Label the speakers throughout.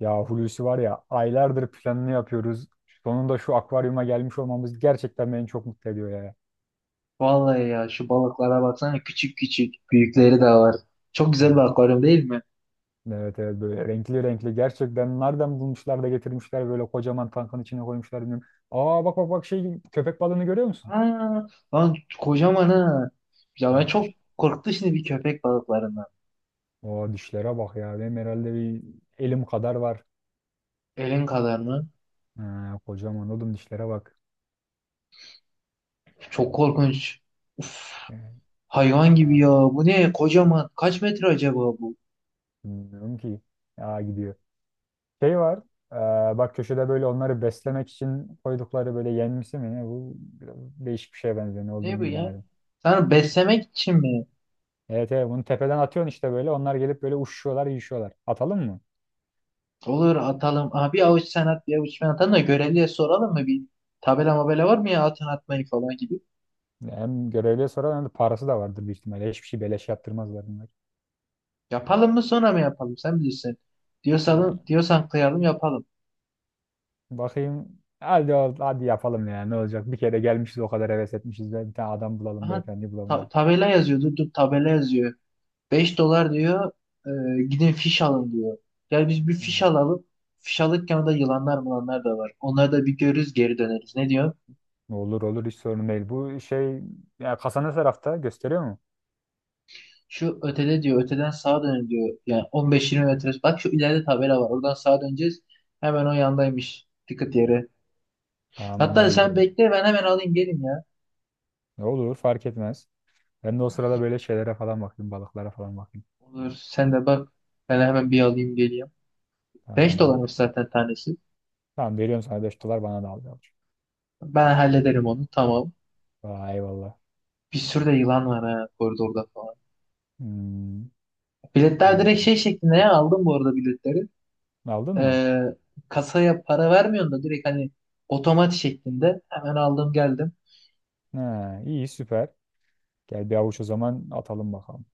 Speaker 1: Ya Hulusi var ya, aylardır planını yapıyoruz. Sonunda şu akvaryuma gelmiş olmamız gerçekten beni çok mutlu ediyor ya.
Speaker 2: Vallahi ya şu balıklara baksana küçük küçük büyükleri de var. Çok güzel bir
Speaker 1: Hmm.
Speaker 2: akvaryum değil mi?
Speaker 1: Evet evet, böyle renkli renkli, gerçekten nereden bulmuşlar da getirmişler, böyle kocaman tankın içine koymuşlar, bilmiyorum. Aa, bak bak bak, şey, köpek balığını görüyor musun?
Speaker 2: Aa, lan kocaman ha. Ya ben çok
Speaker 1: Diş-
Speaker 2: korktu şimdi bir köpek balıklarından.
Speaker 1: Aa, dişlere bak ya, benim herhalde bir elim kadar var.
Speaker 2: Elin kadar mı?
Speaker 1: Ha, kocaman oğlum, dişlere bak.
Speaker 2: Çok korkunç. Uf,
Speaker 1: Yani.
Speaker 2: hayvan gibi
Speaker 1: Aa,
Speaker 2: ya. Bu ne? Kocaman. Kaç metre acaba bu?
Speaker 1: bilmiyorum ki. Ya, gidiyor. Şey var. Bak köşede böyle onları beslemek için koydukları, böyle yenmesi mi ne? Bu biraz değişik bir şeye benziyor. Ne
Speaker 2: Ne bu
Speaker 1: olduğunu
Speaker 2: ya?
Speaker 1: bilemedim.
Speaker 2: Sen beslemek için mi?
Speaker 1: Evet evet, bunu tepeden atıyorsun işte böyle. Onlar gelip böyle uçuşuyorlar, yiyişiyorlar. Atalım mı?
Speaker 2: Olur atalım. Aha, bir avuç sen at bir avuç ben atalım da görevliye soralım mı? Bir tabela mabela var mı ya atın atmayı falan gibi.
Speaker 1: Hem görevliye soralım, hem de parası da vardır büyük ihtimalle. Hiçbir şey beleş yaptırmazlar bunlar.
Speaker 2: Yapalım mı sonra mı yapalım? Sen bilirsin. Diyorsan,
Speaker 1: Yani,
Speaker 2: diyorsan kıyalım yapalım.
Speaker 1: bakayım. Hadi, hadi yapalım ya, ne olacak? Bir kere gelmişiz, o kadar heves etmişiz. Bir tane adam bulalım,
Speaker 2: Aha,
Speaker 1: beyefendi bulalım.
Speaker 2: tabela yazıyor. Dur dur tabela yazıyor. 5 dolar diyor. Gidin fiş alın diyor. Gel biz bir fiş
Speaker 1: Hmm.
Speaker 2: alalım. Fiş alırken orada yılanlar mılanlar da var. Onları da bir görürüz geri döneriz. Ne diyor?
Speaker 1: Olur olur, hiç sorun değil. Bu şey, ya kasa ne tarafta, gösteriyor mu?
Speaker 2: Şu ötede diyor. Öteden sağa dönün diyor. Yani on beş 20 metre. Bak şu ileride tabela var. Oradan sağa döneceğiz. Hemen o yandaymış. Dikkat yere.
Speaker 1: Tamam,
Speaker 2: Hatta
Speaker 1: hadi
Speaker 2: sen
Speaker 1: gidelim.
Speaker 2: bekle ben hemen alayım gelin ya.
Speaker 1: Ne olur, fark etmez. Ben de o sırada böyle şeylere falan bakayım. Balıklara falan bakayım.
Speaker 2: Olur sen de bak. Ben hemen bir alayım geleyim. 5
Speaker 1: Tamam.
Speaker 2: dolarmış zaten tanesi.
Speaker 1: Tamam, veriyorum sana 5 dolar, bana da al yavrum.
Speaker 2: Ben hallederim onu tamam.
Speaker 1: Vay, eyvallah.
Speaker 2: Bir sürü de yılan var ha koridorda falan.
Speaker 1: Hmm.
Speaker 2: Biletler direkt
Speaker 1: Oo.
Speaker 2: şey şeklinde ya aldım bu arada biletleri.
Speaker 1: Aldın mı?
Speaker 2: Ee, Kasaya para vermiyorsun da direkt hani otomat şeklinde hemen aldım geldim.
Speaker 1: Ha, iyi, süper. Gel bir avuç o zaman atalım bakalım.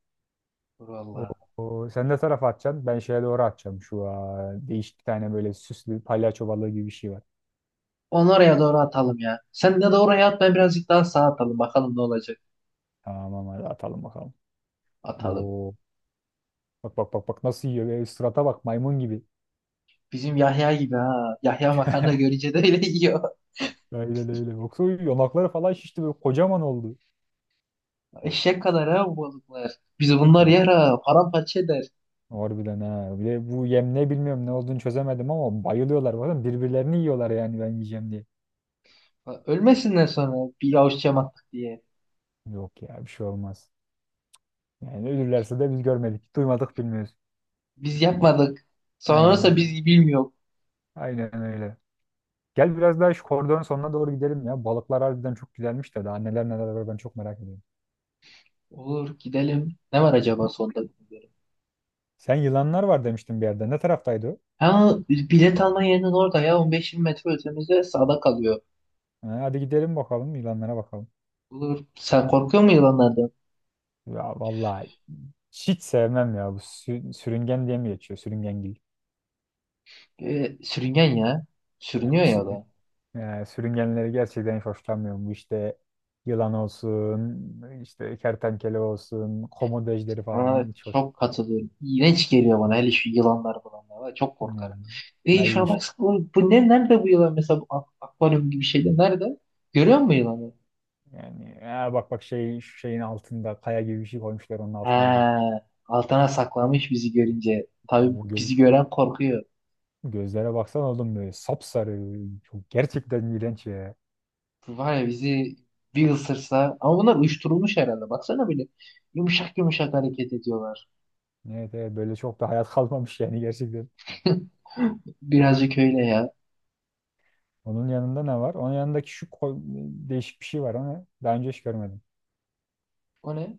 Speaker 2: Dur vallahi.
Speaker 1: Oo, sen ne tarafa atacaksın? Ben şeye doğru atacağım. Şu, aa, değişik bir tane böyle süslü palyaço balığı gibi bir şey var.
Speaker 2: Onu oraya doğru atalım ya. Sen de at ben birazcık daha sağa atalım bakalım ne olacak.
Speaker 1: Tamam, hadi atalım bakalım.
Speaker 2: Atalım.
Speaker 1: Oo. Bak bak bak bak, nasıl yiyor. Böyle sırata bak, maymun gibi.
Speaker 2: Bizim Yahya gibi ha. Yahya makarna görünce de öyle yiyor.
Speaker 1: Öyle öyle. Yoksa yanakları falan şişti, böyle kocaman oldu.
Speaker 2: Eşek kadar ha bu balıklar. Biz bunlar yer ha. Paramparça eder.
Speaker 1: Harbiden ha. Bir de bu yem ne bilmiyorum, ne olduğunu çözemedim, ama bayılıyorlar, bazen birbirlerini yiyorlar yani, ben yiyeceğim diye.
Speaker 2: Ölmesinler sonra bir avuç cam attık diye.
Speaker 1: Yok ya, bir şey olmaz. Yani ölürlerse de biz görmedik. Duymadık, bilmiyoruz.
Speaker 2: Biz yapmadık.
Speaker 1: Aynen
Speaker 2: Sonrası
Speaker 1: öyle.
Speaker 2: biz bilmiyor.
Speaker 1: Aynen öyle. Gel biraz daha şu koridorun sonuna doğru gidelim ya. Balıklar harbiden çok güzelmiş de, daha neler neler var, ben çok merak ediyorum.
Speaker 2: Olur gidelim. Ne var acaba sonda bilmiyorum.
Speaker 1: Sen yılanlar var demiştin bir yerde. Ne taraftaydı o?
Speaker 2: Ha, bilet alma yerinin orada ya on beş 20 metre ötemizde sağda kalıyor.
Speaker 1: Ha, hadi gidelim bakalım, yılanlara bakalım.
Speaker 2: Olur. Sen korkuyor musun yılanlardan?
Speaker 1: Ya vallahi, hiç sevmem ya, bu sürüngen diye mi geçiyor? Sürüngengil.
Speaker 2: Sürüngen ya. Sürünüyor ya o da.
Speaker 1: Yani sürüngenleri gerçekten hiç hoşlanmıyorum. Bu işte yılan olsun, işte kertenkele olsun, komodo ejderi falan,
Speaker 2: Ha,
Speaker 1: hiç hoş.
Speaker 2: çok katılıyorum. İğrenç geliyor bana hele şu yılanlar bulanlar var. Çok korkarım.
Speaker 1: Yani,
Speaker 2: E
Speaker 1: ay
Speaker 2: şuna
Speaker 1: iş-
Speaker 2: bak, bu, bu ne, nerede bu yılan mesela bu akvaryum gibi şeyde nerede? Görüyor musun yılanı?
Speaker 1: yani, aa, bak bak, şey, şu şeyin altında kaya gibi bir şey koymuşlar, onun altına duruyor.
Speaker 2: Ha, altına saklamış bizi görünce. Tabii
Speaker 1: Bu göz,
Speaker 2: bizi gören korkuyor.
Speaker 1: gözlere baksan oğlum, böyle sapsarı. Çok gerçekten iğrenç ya.
Speaker 2: Var ya bizi bir ısırsa ama bunlar uyuşturulmuş herhalde. Baksana böyle yumuşak yumuşak hareket ediyorlar.
Speaker 1: Evet, evet, böyle çok da hayat kalmamış yani gerçekten.
Speaker 2: Birazcık öyle ya.
Speaker 1: Onun yanında ne var? Onun yanındaki şu değişik bir şey var, ama daha önce hiç görmedim.
Speaker 2: O ne?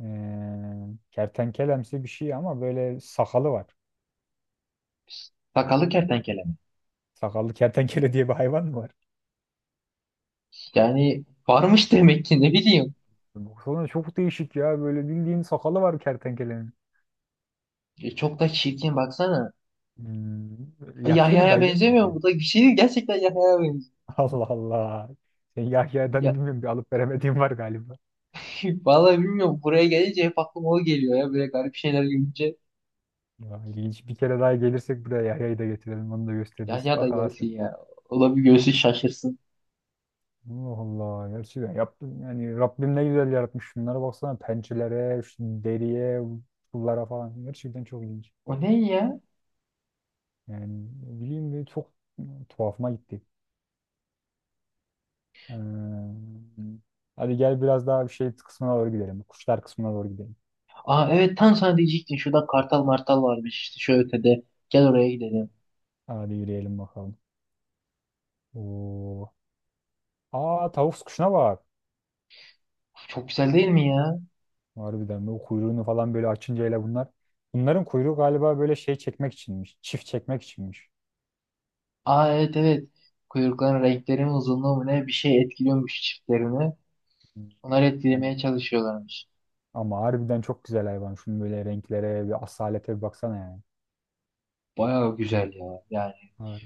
Speaker 1: Kertenkelemsi bir şey, ama böyle sakalı var.
Speaker 2: Sakallı kertenkele mi?
Speaker 1: Sakallı kertenkele diye bir hayvan mı var?
Speaker 2: Yani varmış demek ki, ne bileyim.
Speaker 1: Baksana çok değişik ya. Böyle bildiğin sakalı var kertenkelenin.
Speaker 2: E, çok da çirkin baksana.
Speaker 1: Hmm,
Speaker 2: E,
Speaker 1: yaşlı bir
Speaker 2: Yahya'ya
Speaker 1: dayıya
Speaker 2: benzemiyor mu?
Speaker 1: benziyor.
Speaker 2: Bu da bir şey değil. Gerçekten Yahya'ya benziyor.
Speaker 1: Allah Allah. Sen Yahya'dan
Speaker 2: Ya,
Speaker 1: bilmiyorum, bir alıp veremediğim var galiba.
Speaker 2: vallahi bilmiyorum. Buraya gelince hep aklıma o geliyor ya. Böyle garip şeyler görünce.
Speaker 1: Ya, ilginç. Bir kere daha gelirsek buraya, Yahya'yı da getirelim. Onu da gösteririz.
Speaker 2: Yahya da
Speaker 1: Bak ha
Speaker 2: gelsin
Speaker 1: sen.
Speaker 2: ya. O da bir görsün şaşırsın.
Speaker 1: Allah Allah. Gerçekten yaptım. Yani Rabbim ne güzel yaratmış. Şunlara baksana. Pençelere, şu deriye, pullara falan. Gerçekten çok ilginç.
Speaker 2: O ne ya?
Speaker 1: Yani ne bileyim de, çok tuhafıma gitti. Ee, Hadi gel biraz daha bir şey kısmına doğru gidelim. Kuşlar kısmına doğru gidelim.
Speaker 2: Aa evet, tam sana diyecektim. Şurada kartal martal varmış işte şu ötede. Gel oraya gidelim.
Speaker 1: Hadi yürüyelim bakalım. Oo. Aa, tavus kuşuna bak.
Speaker 2: Çok güzel değil mi ya?
Speaker 1: Harbiden o kuyruğunu falan böyle açınca, hele bunlar. Bunların kuyruğu galiba böyle şey çekmek içinmiş. Çift çekmek içinmiş.
Speaker 2: Aa evet evet. Kuyrukların renkleri mi, uzunluğu mu, ne bir şey etkiliyormuş çiftlerini.
Speaker 1: Hmm.
Speaker 2: Onları
Speaker 1: Ama,
Speaker 2: etkilemeye çalışıyorlarmış.
Speaker 1: Ama harbiden çok güzel hayvan. Şunun böyle renklere, bir asalete bir baksana yani.
Speaker 2: Bayağı güzel ya yani.
Speaker 1: Har-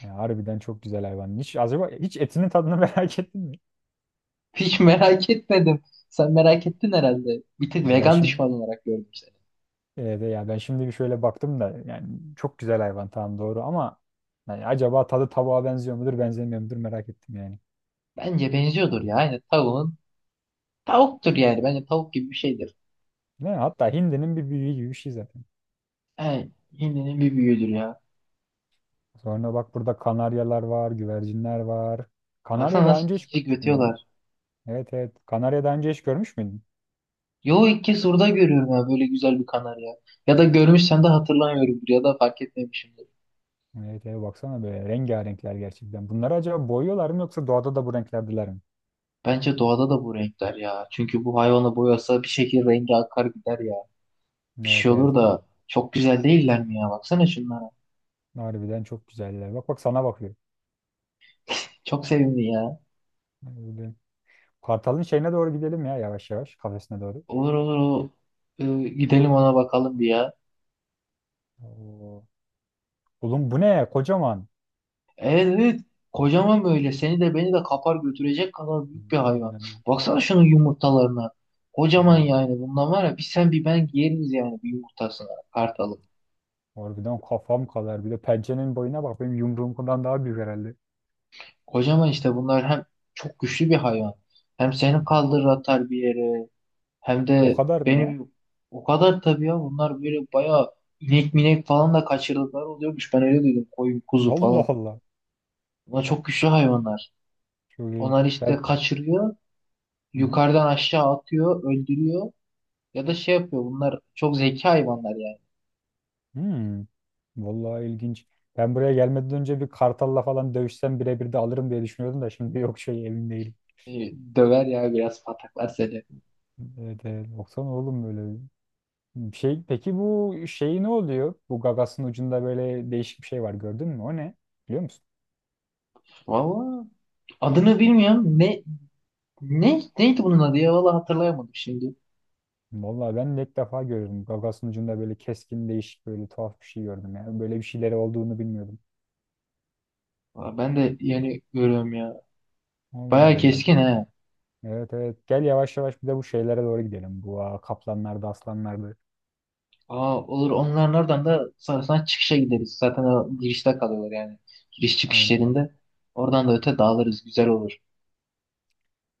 Speaker 1: Yani harbiden çok güzel hayvan. Hiç acaba hiç etinin tadını merak ettin mi?
Speaker 2: Hiç merak etmedim. Sen merak ettin herhalde. Bir tık
Speaker 1: Ya ben
Speaker 2: vegan
Speaker 1: şimdi
Speaker 2: düşman olarak gördüm seni.
Speaker 1: Evet, ya ben şimdi bir şöyle baktım da, yani çok güzel hayvan, tamam doğru, ama yani acaba tadı tavuğa benziyor mudur benzemiyor mudur, merak ettim yani.
Speaker 2: Bence benziyordur ya. Yani tavuğun, tavuktur yani. Bence tavuk gibi bir şeydir.
Speaker 1: Ne? Hatta hindinin bir büyüğü gibi bir şey zaten.
Speaker 2: Yani hindinin bir büyüğüdür ya.
Speaker 1: Sonra bak, burada kanaryalar var, güvercinler var. Kanarya
Speaker 2: Baksana
Speaker 1: daha
Speaker 2: nasıl
Speaker 1: önce hiç
Speaker 2: cik cik
Speaker 1: görmüş müydün ya?
Speaker 2: ötüyorlar.
Speaker 1: Evet evet. Kanarya daha önce hiç görmüş müydün?
Speaker 2: Yo, ilk kez orada görüyorum ya böyle güzel bir kanarya. Ya da görmüşsem de hatırlamıyorumdur ya da fark etmemişimdir.
Speaker 1: Evet evet, baksana böyle rengarenkler gerçekten. Bunları acaba boyuyorlar mı, yoksa doğada da bu renklerdiler mi?
Speaker 2: Bence doğada da bu renkler ya. Çünkü bu hayvanı boyasa bir şekilde rengi akar gider ya. Bir
Speaker 1: Evet
Speaker 2: şey
Speaker 1: evet.
Speaker 2: olur da çok güzel değiller mi ya? Baksana şunlara.
Speaker 1: Harbiden çok güzeller. Bak bak, sana bakıyor.
Speaker 2: Çok sevimli ya.
Speaker 1: Böyle, kartalın şeyine doğru gidelim ya, yavaş yavaş kafesine doğru.
Speaker 2: Olur olur o. Gidelim ona bakalım bir ya.
Speaker 1: Oo. Oğlum bu ne? Kocaman.
Speaker 2: Evet evet. Kocaman böyle. Seni de beni de kapar götürecek kadar büyük bir hayvan.
Speaker 1: Harbiden.
Speaker 2: Baksana şunun yumurtalarına. Kocaman
Speaker 1: Oo.
Speaker 2: yani. Bundan var ya, bir sen bir ben yeriz yani bir yumurtasına. Kartalı.
Speaker 1: Harbiden kafam kadar. Bir de pençenin boyuna bak. Benim yumruğumdan daha büyük herhalde.
Speaker 2: Kocaman işte bunlar, hem çok güçlü bir hayvan. Hem seni kaldırır atar bir yere. Hem
Speaker 1: O
Speaker 2: de
Speaker 1: kadar mı ya?
Speaker 2: benim o kadar, tabii ya bunlar böyle bayağı inek minek falan da kaçırdıkları oluyormuş. Ben öyle duydum, koyun kuzu
Speaker 1: Allah
Speaker 2: falan.
Speaker 1: Allah.
Speaker 2: Bunlar çok güçlü hayvanlar.
Speaker 1: Çok ilginç.
Speaker 2: Onlar işte
Speaker 1: Ben...
Speaker 2: kaçırıyor.
Speaker 1: Hı hı.
Speaker 2: Yukarıdan aşağı atıyor. Öldürüyor. Ya da şey yapıyor. Bunlar çok zeki hayvanlar yani.
Speaker 1: Hmm. Vallahi ilginç. Ben buraya gelmeden önce bir kartalla falan dövüşsem birebir de alırım diye düşünüyordum da, şimdi yok, şey, emin değilim.
Speaker 2: E, döver ya, biraz pataklar seni.
Speaker 1: Evet, evet. Baksana oğlum, böyle bir şey. Peki bu şey ne oluyor? Bu gagasın ucunda böyle değişik bir şey var, gördün mü? O ne? Biliyor musun?
Speaker 2: Valla adını bilmiyorum. Neydi bunun adı ya? Valla hatırlayamadım şimdi.
Speaker 1: Vallahi ben de ilk defa görüyorum. Gagasın ucunda böyle keskin, değişik, böyle tuhaf bir şey gördüm ya. Böyle bir şeyleri olduğunu bilmiyordum.
Speaker 2: Aa, ben de yeni görüyorum ya.
Speaker 1: Allah
Speaker 2: Bayağı
Speaker 1: Allah. Gel.
Speaker 2: keskin he.
Speaker 1: Evet evet. Gel yavaş yavaş bir de bu şeylere doğru gidelim. Bu, aa, kaplanlardı, aslanlardı.
Speaker 2: Aa, olur, onların oradan da sonrasında çıkışa gideriz. Zaten o girişte kalıyorlar yani. Giriş çıkış
Speaker 1: Aynen.
Speaker 2: yerinde. Oradan da öte dağılırız. Güzel olur.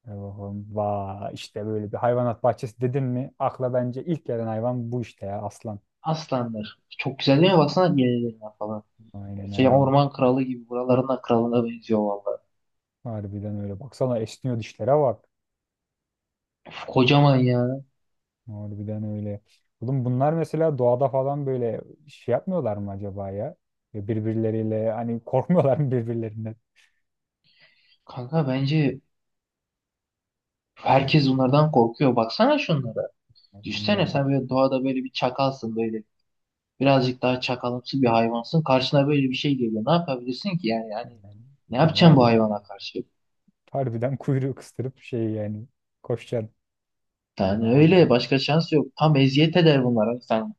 Speaker 1: E bakalım. Vay işte, böyle bir hayvanat bahçesi dedin mi, akla bence ilk gelen hayvan bu işte ya, aslan.
Speaker 2: Aslanlar. Çok güzel değil mi? Baksana yenilerine falan.
Speaker 1: Aynen
Speaker 2: Şey,
Speaker 1: aynen.
Speaker 2: orman kralı gibi. Buraların da kralına benziyor valla.
Speaker 1: Harbiden öyle. Baksana esniyor, dişlere bak.
Speaker 2: Uf, kocaman ya.
Speaker 1: Harbiden öyle. Oğlum bunlar mesela doğada falan böyle şey yapmıyorlar mı acaba ya? Ya, birbirleriyle hani korkmuyorlar mı birbirlerinden?
Speaker 2: Kanka bence herkes bunlardan korkuyor. Baksana şunlara.
Speaker 1: Yani
Speaker 2: Düşsene
Speaker 1: bilmiyorum.
Speaker 2: sen
Speaker 1: Hayır.
Speaker 2: böyle doğada, böyle bir çakalsın böyle. Birazcık daha çakalımsı bir hayvansın. Karşına böyle bir şey geliyor. Ne yapabilirsin ki yani? Yani
Speaker 1: Yani,
Speaker 2: ne
Speaker 1: yani
Speaker 2: yapacaksın bu
Speaker 1: harbiden,
Speaker 2: hayvana karşı?
Speaker 1: harbiden kuyruğu kıstırıp, şey yani, koşacaksın.
Speaker 2: Yani
Speaker 1: Aa,
Speaker 2: öyle başka şans yok. Tam eziyet eder bunlara sen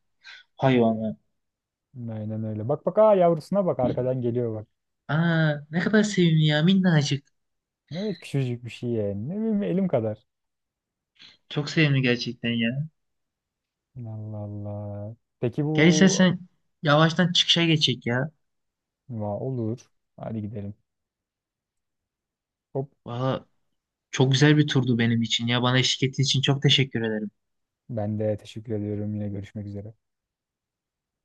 Speaker 2: hayvanı.
Speaker 1: aynen öyle. Bak bak, aa, yavrusuna bak, arkadan geliyor bak.
Speaker 2: Aa, ne kadar sevimli ya, minnacık.
Speaker 1: Evet, küçücük bir şey yani. Ne bileyim, elim kadar.
Speaker 2: Çok sevimli gerçekten ya.
Speaker 1: Allah Allah. Peki bu,
Speaker 2: Gel istersen yavaştan çıkışa geçecek ya.
Speaker 1: va, olur. Hadi gidelim. Hop,
Speaker 2: Valla çok güzel bir turdu benim için ya. Bana eşlik ettiğin için çok teşekkür ederim.
Speaker 1: ben de teşekkür ediyorum. Yine görüşmek üzere.